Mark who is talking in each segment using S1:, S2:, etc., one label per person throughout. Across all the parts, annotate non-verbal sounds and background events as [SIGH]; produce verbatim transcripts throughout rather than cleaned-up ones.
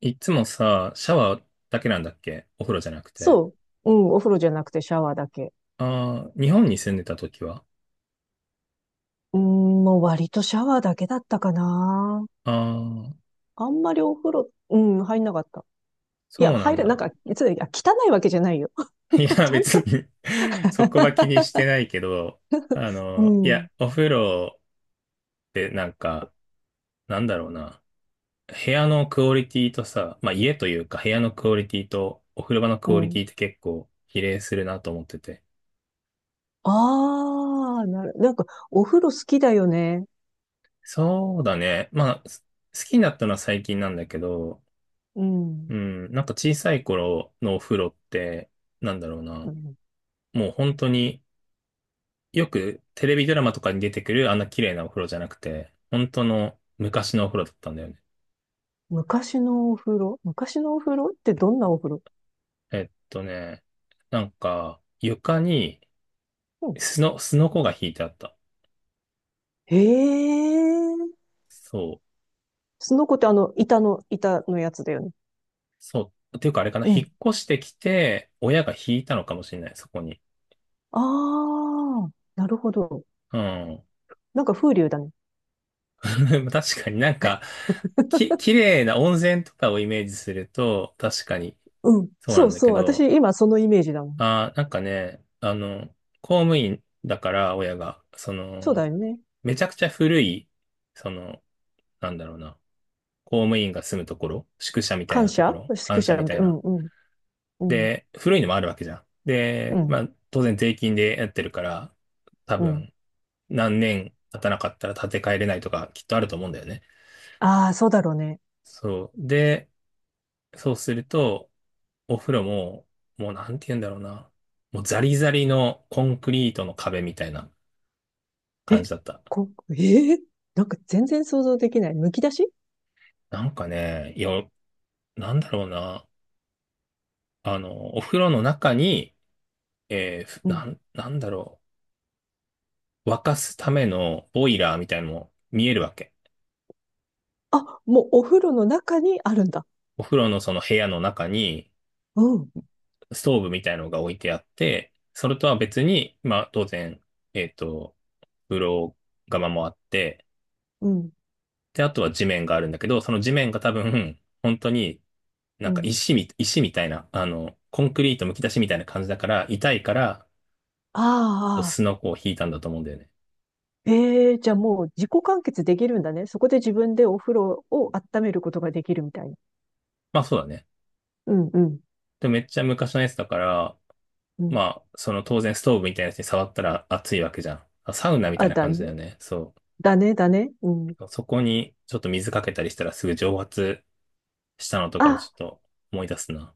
S1: いつもさ、シャワーだけなんだっけ？お風呂じゃなくて。
S2: そう。うん、お風呂じゃなくてシャワーだけ。
S1: ああ、日本に住んでた時は
S2: うん、もう割とシャワーだけだったかな。
S1: ああ、
S2: あんまりお風呂、うん、入んなかった。い
S1: そう
S2: や、
S1: な
S2: 入
S1: ん
S2: れ、なん
S1: だ。
S2: か、つい、あ汚いわけじゃないよ。
S1: [LAUGHS] い
S2: [LAUGHS]
S1: や、
S2: ちゃん
S1: 別
S2: と。
S1: に [LAUGHS] そこは
S2: [LAUGHS]
S1: 気にしてないけど、あ
S2: う
S1: の、いや、
S2: ん、
S1: お風呂ってなんか、なんだろうな。部屋のクオリティとさ、まあ家というか部屋のクオリティとお風呂場の
S2: う
S1: クオリテ
S2: ん。
S1: ィって結構比例するなと思ってて。
S2: ああ、なる、なんか、お風呂好きだよね。
S1: そうだね。まあ、す好きになったのは最近なんだけど、
S2: うん。
S1: うん、なんか小さい頃のお風呂って、なんだろう
S2: う
S1: な。
S2: ん、
S1: もう本当によくテレビドラマとかに出てくるあんな綺麗なお風呂じゃなくて、本当の昔のお風呂だったんだよね。
S2: 昔のお風呂、昔のお風呂ってどんなお風呂。
S1: えっとね、なんか床に
S2: うん。
S1: すの、すのこが引いてあった。
S2: へえ。
S1: そう、
S2: その子ってあの、板の、板のやつだよね。
S1: そう。っていうかあれかな、
S2: う
S1: 引
S2: ん。
S1: っ越してきて、親が引いたのかもしれない、そこに。
S2: ああ、なるほど。
S1: うん。
S2: なんか風流だね。
S1: [LAUGHS] 確かになんか、き、綺麗な温泉とかをイメージすると、確かに
S2: うん。
S1: そうな
S2: そ
S1: ん
S2: う
S1: だ
S2: そ
S1: け
S2: う。私、
S1: ど、
S2: 今そのイメージだもん。
S1: あー、なんかね、あの、公務員だから、親が、そ
S2: そう
S1: の、
S2: だよね。
S1: めちゃくちゃ古い、その、なんだろうな、公務員が住むところ、宿舎みたい
S2: 感
S1: なとこ
S2: 謝、
S1: ろ、
S2: 宿
S1: 官舎
S2: 舎
S1: み
S2: み
S1: た
S2: た
S1: い
S2: いな。う
S1: な。
S2: んうん。うん。
S1: で、古いのもあるわけじゃん。
S2: う
S1: で、ま
S2: ん。
S1: あ、当然税金でやってるから、多
S2: うん。
S1: 分、何年経たなかったら建て替えれないとか、きっとあると思うんだよね。
S2: ああ、そうだろうね。
S1: そう。で、そうすると、お風呂も、もうなんて言うんだろうな、もうザリザリのコンクリートの壁みたいな感
S2: え、
S1: じだった。
S2: こ、ええ、なんか全然想像できない。むき出し。
S1: なんかね、いや、なんだろうな。あの、お風呂の中に、えーふ
S2: うん。
S1: なん、なんだろう。沸かすためのボイラーみたいのも見えるわけ。
S2: あ、もうお風呂の中にあるんだ。
S1: お風呂のその部屋の中に、
S2: うん。
S1: ストーブみたいのが置いてあって、それとは別に、まあ当然、えっと、風呂釜もあって、
S2: うん。
S1: で、あとは地面があるんだけど、その地面が多分、本当にな
S2: う
S1: んか
S2: ん。
S1: 石み、石みたいな、あの、コンクリートむき出しみたいな感じだから、痛いから、
S2: ああ、
S1: スノコを引いたんだと思うんだよね。
S2: ええー、じゃあもう自己完結できるんだね。そこで自分でお風呂を温めることができるみたいな。
S1: まあそうだね。
S2: うんうん。
S1: でもめっちゃ昔のやつだから、
S2: うん。
S1: まあ、その当然ストーブみたいなやつに触ったら熱いわけじゃん。あ、サウナみた
S2: あ、
S1: いな
S2: だ
S1: 感じだよ
S2: ね。
S1: ね。そ
S2: だね、だね。うん。
S1: う。そこにちょっと水かけたりしたらすぐ蒸発したのとかをちょ
S2: あ、
S1: っと思い出すな。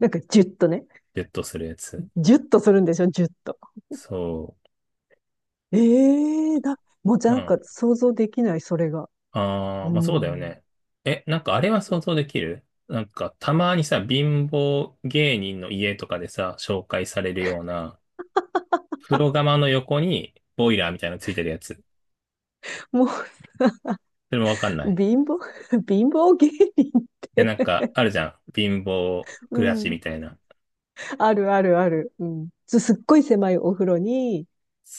S2: なんかジュッとね。
S1: ベッドするやつ。
S2: ジュッとするんでしょ、ジュッと。
S1: そ
S2: ええだ、もう
S1: う。う
S2: なんか
S1: ん。
S2: 想像できない、それが。
S1: ああ、
S2: う
S1: まあそうだよ
S2: ん。
S1: ね。え、なんかあれは想像できる、なんかたまにさ、貧乏芸人の家とかでさ、紹介されるような、風呂釜の横にボイラーみたいなのついてるやつ。
S2: もう、
S1: それもわかんない。い
S2: 貧乏、[LAUGHS] 貧乏芸人っ
S1: や、なん
S2: て、
S1: か、あるじゃん。貧乏
S2: う
S1: 暮らし
S2: ん。
S1: みたいな。
S2: あるあるある。うん。すすっごい狭いお風呂に、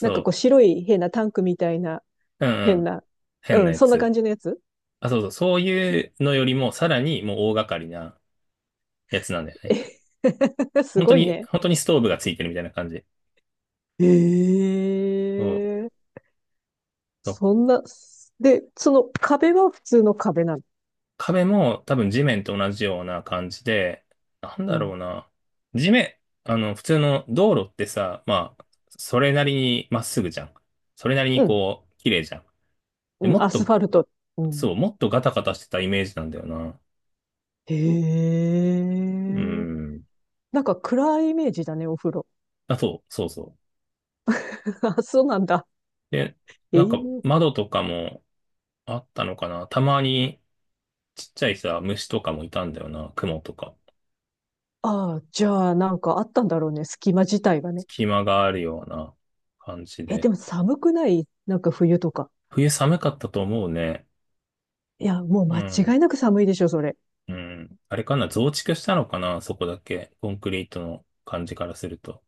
S2: なんかこう白い変なタンクみたいな、
S1: う。うんう
S2: 変
S1: ん。
S2: な、
S1: 変
S2: う
S1: な
S2: ん、
S1: や
S2: そんな感
S1: つ。
S2: じのやつ。
S1: あ、そうそう。そういうのよりも、さらにもう大掛かりなやつなんだよね。
S2: え、 [LAUGHS] す
S1: 本当
S2: ごい
S1: に、
S2: ね。
S1: 本当にストーブがついてるみたいな感じ。そう。
S2: ええ、
S1: そう、
S2: そんな、で、その壁は普通の壁なの。
S1: 壁も多分地面と同じような感じで、なん
S2: う
S1: だろ
S2: ん。
S1: うな。地面、あの、普通の道路ってさ、まあ、それなりにまっすぐじゃん。それなりに
S2: うん。
S1: こう、綺麗じゃん。で、
S2: うん、
S1: もっ
S2: アス
S1: と、
S2: ファルト。うん。
S1: そう、もっとガタガタしてたイメージなんだよな。
S2: へ
S1: う
S2: え。
S1: ん。
S2: なんか暗いイメージだね、お風呂。
S1: あ、そう、そうそう。
S2: [LAUGHS] あ、そうなんだ。
S1: で、
S2: え
S1: なんか
S2: え。
S1: 窓とかもあったのかな。たまにちっちゃいさ、虫とかもいたんだよな。雲とか。
S2: ああ、じゃあなんかあったんだろうね、隙間自体がね。
S1: 隙間があるような感じ
S2: え、で
S1: で。
S2: も寒くない、なんか冬とか。
S1: 冬寒かったと思うね。
S2: いや、もう
S1: う
S2: 間
S1: ん。
S2: 違いなく寒いでしょ、それ。
S1: うん。あれかな。増築したのかな、そこだけ。コンクリートの感じからすると。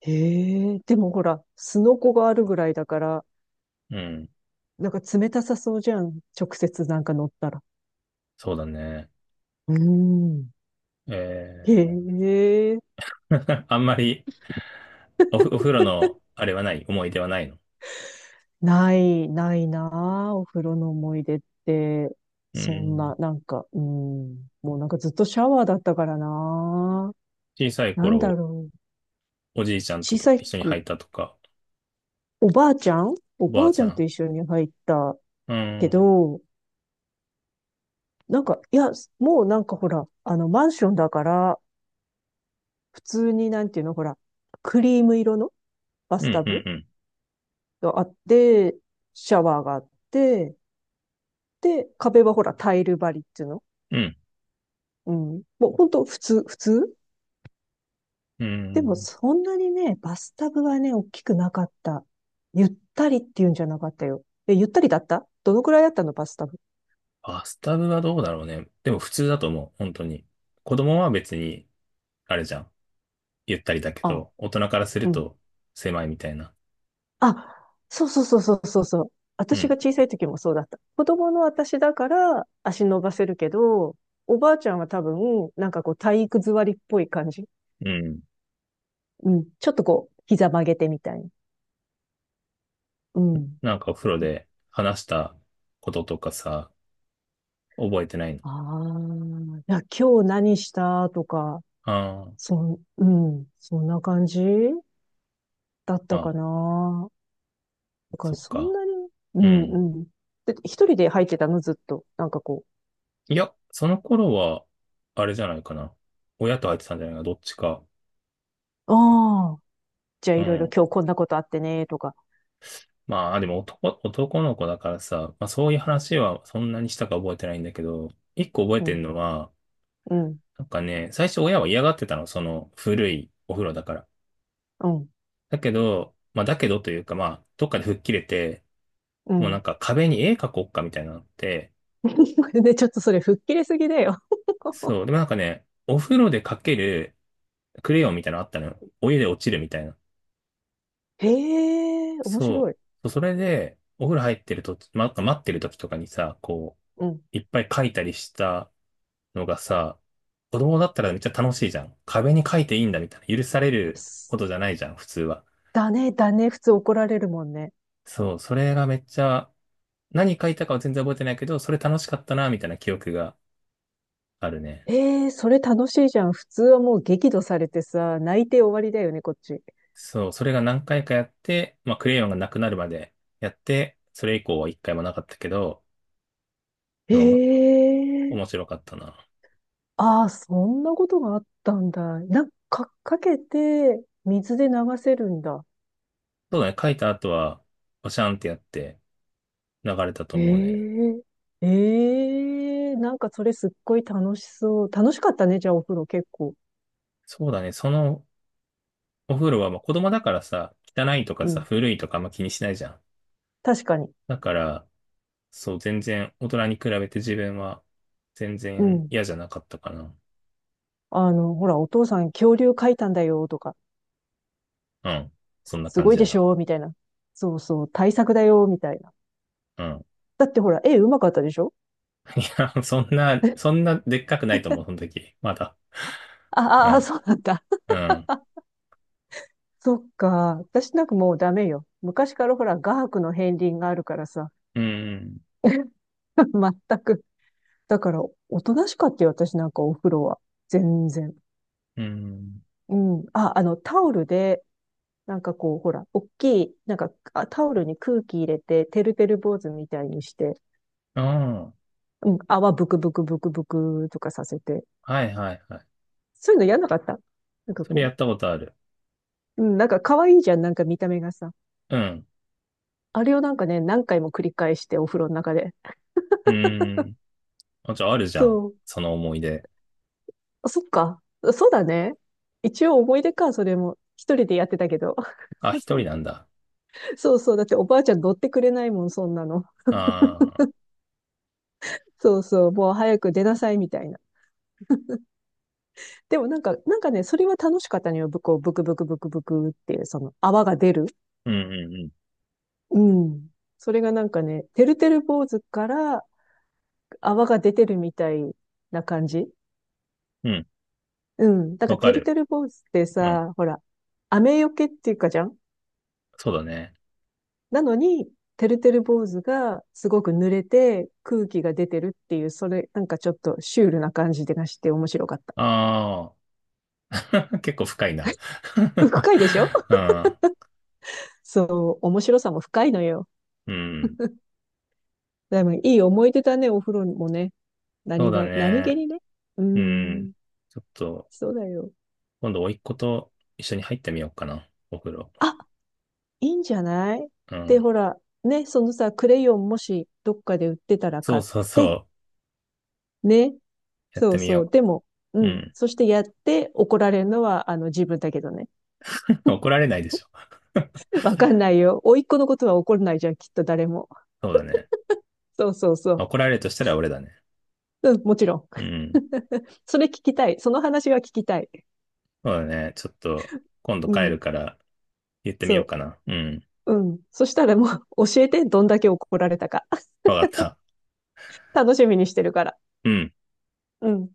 S2: へえ。でもほら、すのこがあるぐらいだから、
S1: うん。
S2: なんか冷たさそうじゃん。直接なんか乗ったら。
S1: そうだね。
S2: うーん。へ
S1: え
S2: え。
S1: ー、[LAUGHS] あんまりおふ、お風呂のあれはない。思い出はないの。
S2: ない、ないなあ、お風呂の思い出って。
S1: う
S2: そん
S1: ん。
S2: な、なんか、うん。もうなんかずっとシャワーだったからな
S1: 小さい
S2: あ。なんだ
S1: 頃、
S2: ろう。
S1: おじいちゃんと
S2: 小さ
S1: 一緒に履
S2: く、
S1: いたとか、
S2: おばあちゃんお
S1: おば
S2: ば
S1: あ
S2: あち
S1: ち
S2: ゃ
S1: ゃ
S2: んと
S1: ん。
S2: 一緒に入った
S1: う
S2: け
S1: ん。
S2: ど、なんか、いや、もうなんかほら、あの、マンションだから、普通になんていうの、ほら、クリーム色のバス
S1: うん、
S2: タ
S1: う
S2: ブ
S1: ん、
S2: があって、シャワーがあって、で、壁はほら、タイル張りっていうの。
S1: うん。
S2: うん。もうほんと、普通、普通。
S1: うん、う
S2: でも
S1: ん。
S2: そんなにね、バスタブはね、大きくなかった。ゆったりっていうんじゃなかったよ。え、ゆったりだった、どのくらいだったの、バスタブ。
S1: バスタブはどうだろうね。でも普通だと思う、本当に。子供は別に、あれじゃん。ゆったりだけ
S2: ああ、
S1: ど、大人からす
S2: う
S1: る
S2: ん。
S1: と狭いみたいな。
S2: あ、そうそうそうそうそうそう。
S1: う
S2: 私
S1: ん、
S2: が小さい時もそうだった。子供の私だから足伸ばせるけど、おばあちゃんは多分、なんかこう体育座りっぽい感じ。
S1: うん。
S2: うん。ちょっとこう、膝曲げてみたいな。うん。
S1: なんかお風呂で話したこととかさ、覚えてないの。
S2: ああ、いや、今日何したとか、
S1: ああ、
S2: そん、うん、そんな感じだっ
S1: ま
S2: たか
S1: あ、
S2: な。だから
S1: そっ
S2: そん
S1: か。
S2: なに、う
S1: う
S2: ん
S1: ん。
S2: うん。で、一人で入ってたの、ずっと。なんかこ
S1: いや、その頃は、あれじゃないかな。親と入ってたんじゃないかな、どっちか。
S2: う、ああ、じゃあ
S1: う
S2: いろいろ
S1: ん。
S2: 今日こんなことあってね、とか。
S1: まあ、でも男、男の子だからさ、まあそういう話はそんなにしたか覚えてないんだけど、一個覚え
S2: う
S1: てる
S2: ん、
S1: のは、
S2: うん、
S1: なんかね、最初親は嫌がってたの、その古いお風呂だから。
S2: うん、
S1: だけど、まあだけどというか、まあ、どっかで吹っ切れて、
S2: う
S1: もうなん
S2: ん。
S1: か壁に絵描こうかみたいなのあって、
S2: [LAUGHS] で、ちょっとそれ吹っ切れすぎだよ。
S1: そう、でもなんかね、お風呂で描けるクレヨンみたいなのあったのよ。お湯で落ちるみたいな。
S2: へえ、面白
S1: そ
S2: い。
S1: う、それで、お風呂入ってると、ま、待ってる時とかにさ、こ
S2: うん。
S1: う、いっぱい描いたりしたのがさ、子供だったらめっちゃ楽しいじゃん。壁に書いていいんだみたいな。許されるこ
S2: す、
S1: とじゃないじゃん、普通は。
S2: だね、だね、普通怒られるもんね。
S1: そう、それがめっちゃ、何書いたかは全然覚えてないけど、それ楽しかったな、みたいな記憶があるね。
S2: ええ、それ楽しいじゃん。普通はもう激怒されてさ、泣いて終わりだよね、こっち。
S1: そう、それが何回かやって、まあ、クレヨンがなくなるまでやって、それ以降は一回もなかったけど、
S2: へ
S1: でもも、
S2: え。
S1: 面白かったな。
S2: ああ、そんなことがあったんだ。なんか、かけて、水で流せるんだ。
S1: そうだね、書いた後は、おシャンってやって流れたと思うね。
S2: えええ、えなんかそれすっごい楽しそう。楽しかったね、じゃあお風呂結構。
S1: そうだね、そのお風呂は、まあ、子供だからさ、汚いとか
S2: う
S1: さ、
S2: ん。
S1: 古いとかあんま気にしないじゃん。
S2: 確かに。
S1: だから、そう、全然、大人に比べて自分は、全
S2: う
S1: 然
S2: ん。
S1: 嫌じゃなかったかな。
S2: あの、ほら、お父さん恐竜描いたんだよ、とか。
S1: うん。そ
S2: す、
S1: んな
S2: す
S1: 感
S2: ごい
S1: じや
S2: でし
S1: な。
S2: ょ、みたいな。そうそう、対策だよ、みたいな。
S1: うん。
S2: だってほら、絵うまかったでしょ。
S1: [LAUGHS] いや、そんな、そんなでっかくないと思う、その時。まだ。[LAUGHS] う
S2: ああ、あ、
S1: ん。
S2: そうなんだ。
S1: うん。
S2: そっか。私なんかもうダメよ。昔からほら、画伯の片鱗があるからさ。
S1: うん。
S2: [LAUGHS] 全く。だから、おとなしかったよ、私なんかお風呂は。全然。
S1: うん。
S2: うん。あ、あの、タオルで、なんかこう、ほら、大きい、なんか、あ、タオルに空気入れて、てるてる坊主みたいにして、
S1: あん。
S2: うん、泡ブクブクブクブクとかさせて。
S1: はいはいはい。
S2: そういうのやんなかった、なんか
S1: それや
S2: こ
S1: ったことある。
S2: う、うん、なんか可愛いじゃん、なんか見た目がさ。
S1: うん。
S2: あれをなんかね、何回も繰り返して、お風呂の中で。
S1: うん。あ、じゃああるじゃん、
S2: そう。
S1: その思い出。
S2: あ、そっか。そうだね。一応思い出か、それも。一人でやってたけど。
S1: あ、一人なんだ。
S2: [LAUGHS] そうそう。だっておばあちゃん乗ってくれないもん、そんなの。
S1: ああ。
S2: そうそう、もう早く出なさいみたいな。でもなんか、なんかね、それは楽しかったのよ。ぶこう、ブクブクブクブクっていう、その泡が出る。
S1: うんうん
S2: うん。それがなんかね、てるてる坊主から泡が出てるみたいな感じ。
S1: うん。うん。
S2: うん。だか
S1: わ
S2: ら
S1: か
S2: てる
S1: る。
S2: てる坊主って
S1: うん。
S2: さ、ほら、雨よけっていうかじゃん。
S1: そうだね。
S2: なのに、てるてる坊主がすごく濡れて空気が出てるっていう、それなんかちょっとシュールな感じがして面白かった。
S1: ああ。[LAUGHS] 結構深いな
S2: [LAUGHS]
S1: [LAUGHS]
S2: 深いでしょ。
S1: ああ、
S2: [LAUGHS] そう、面白さも深いのよ。
S1: うん。
S2: でもいい思い出だね、お風呂もね。
S1: そう
S2: 何
S1: だ
S2: が、何気
S1: ね。
S2: にね。う
S1: うん。
S2: ん、
S1: ちょっと、
S2: そうだよ。
S1: 今度、甥っ子と一緒に入ってみようかな。お風呂。
S2: あ、いいんじゃない。
S1: う
S2: で、
S1: ん。
S2: ほら、ね、そのさ、クレヨンもしどっかで売ってたら
S1: そ
S2: 買
S1: う
S2: っ
S1: そうそ
S2: て、
S1: う。
S2: ね、
S1: やっ
S2: そ
S1: て
S2: う
S1: み
S2: そう。
S1: よ
S2: でも、う
S1: う。う
S2: ん。
S1: ん。
S2: そしてやって怒られるのは、あの、自分だけどね。
S1: [LAUGHS] 怒られないでしょ。
S2: [LAUGHS] わかんないよ。甥っ子のことは怒らないじゃん、きっと誰も。
S1: そうだね。
S2: そうそうそう。
S1: 怒られるとしたら俺だね。
S2: うん、もちろん。
S1: うん。
S2: [LAUGHS] それ聞きたい。その話は聞きたい。
S1: そうだね。ちょっと、今度
S2: う
S1: 帰る
S2: ん、
S1: から言ってみ
S2: そ
S1: ようかな。うん。
S2: う。うん。そしたらもう、教えて、どんだけ怒られたか。
S1: わかった。
S2: 楽しみにしてるから。
S1: うん。
S2: うん。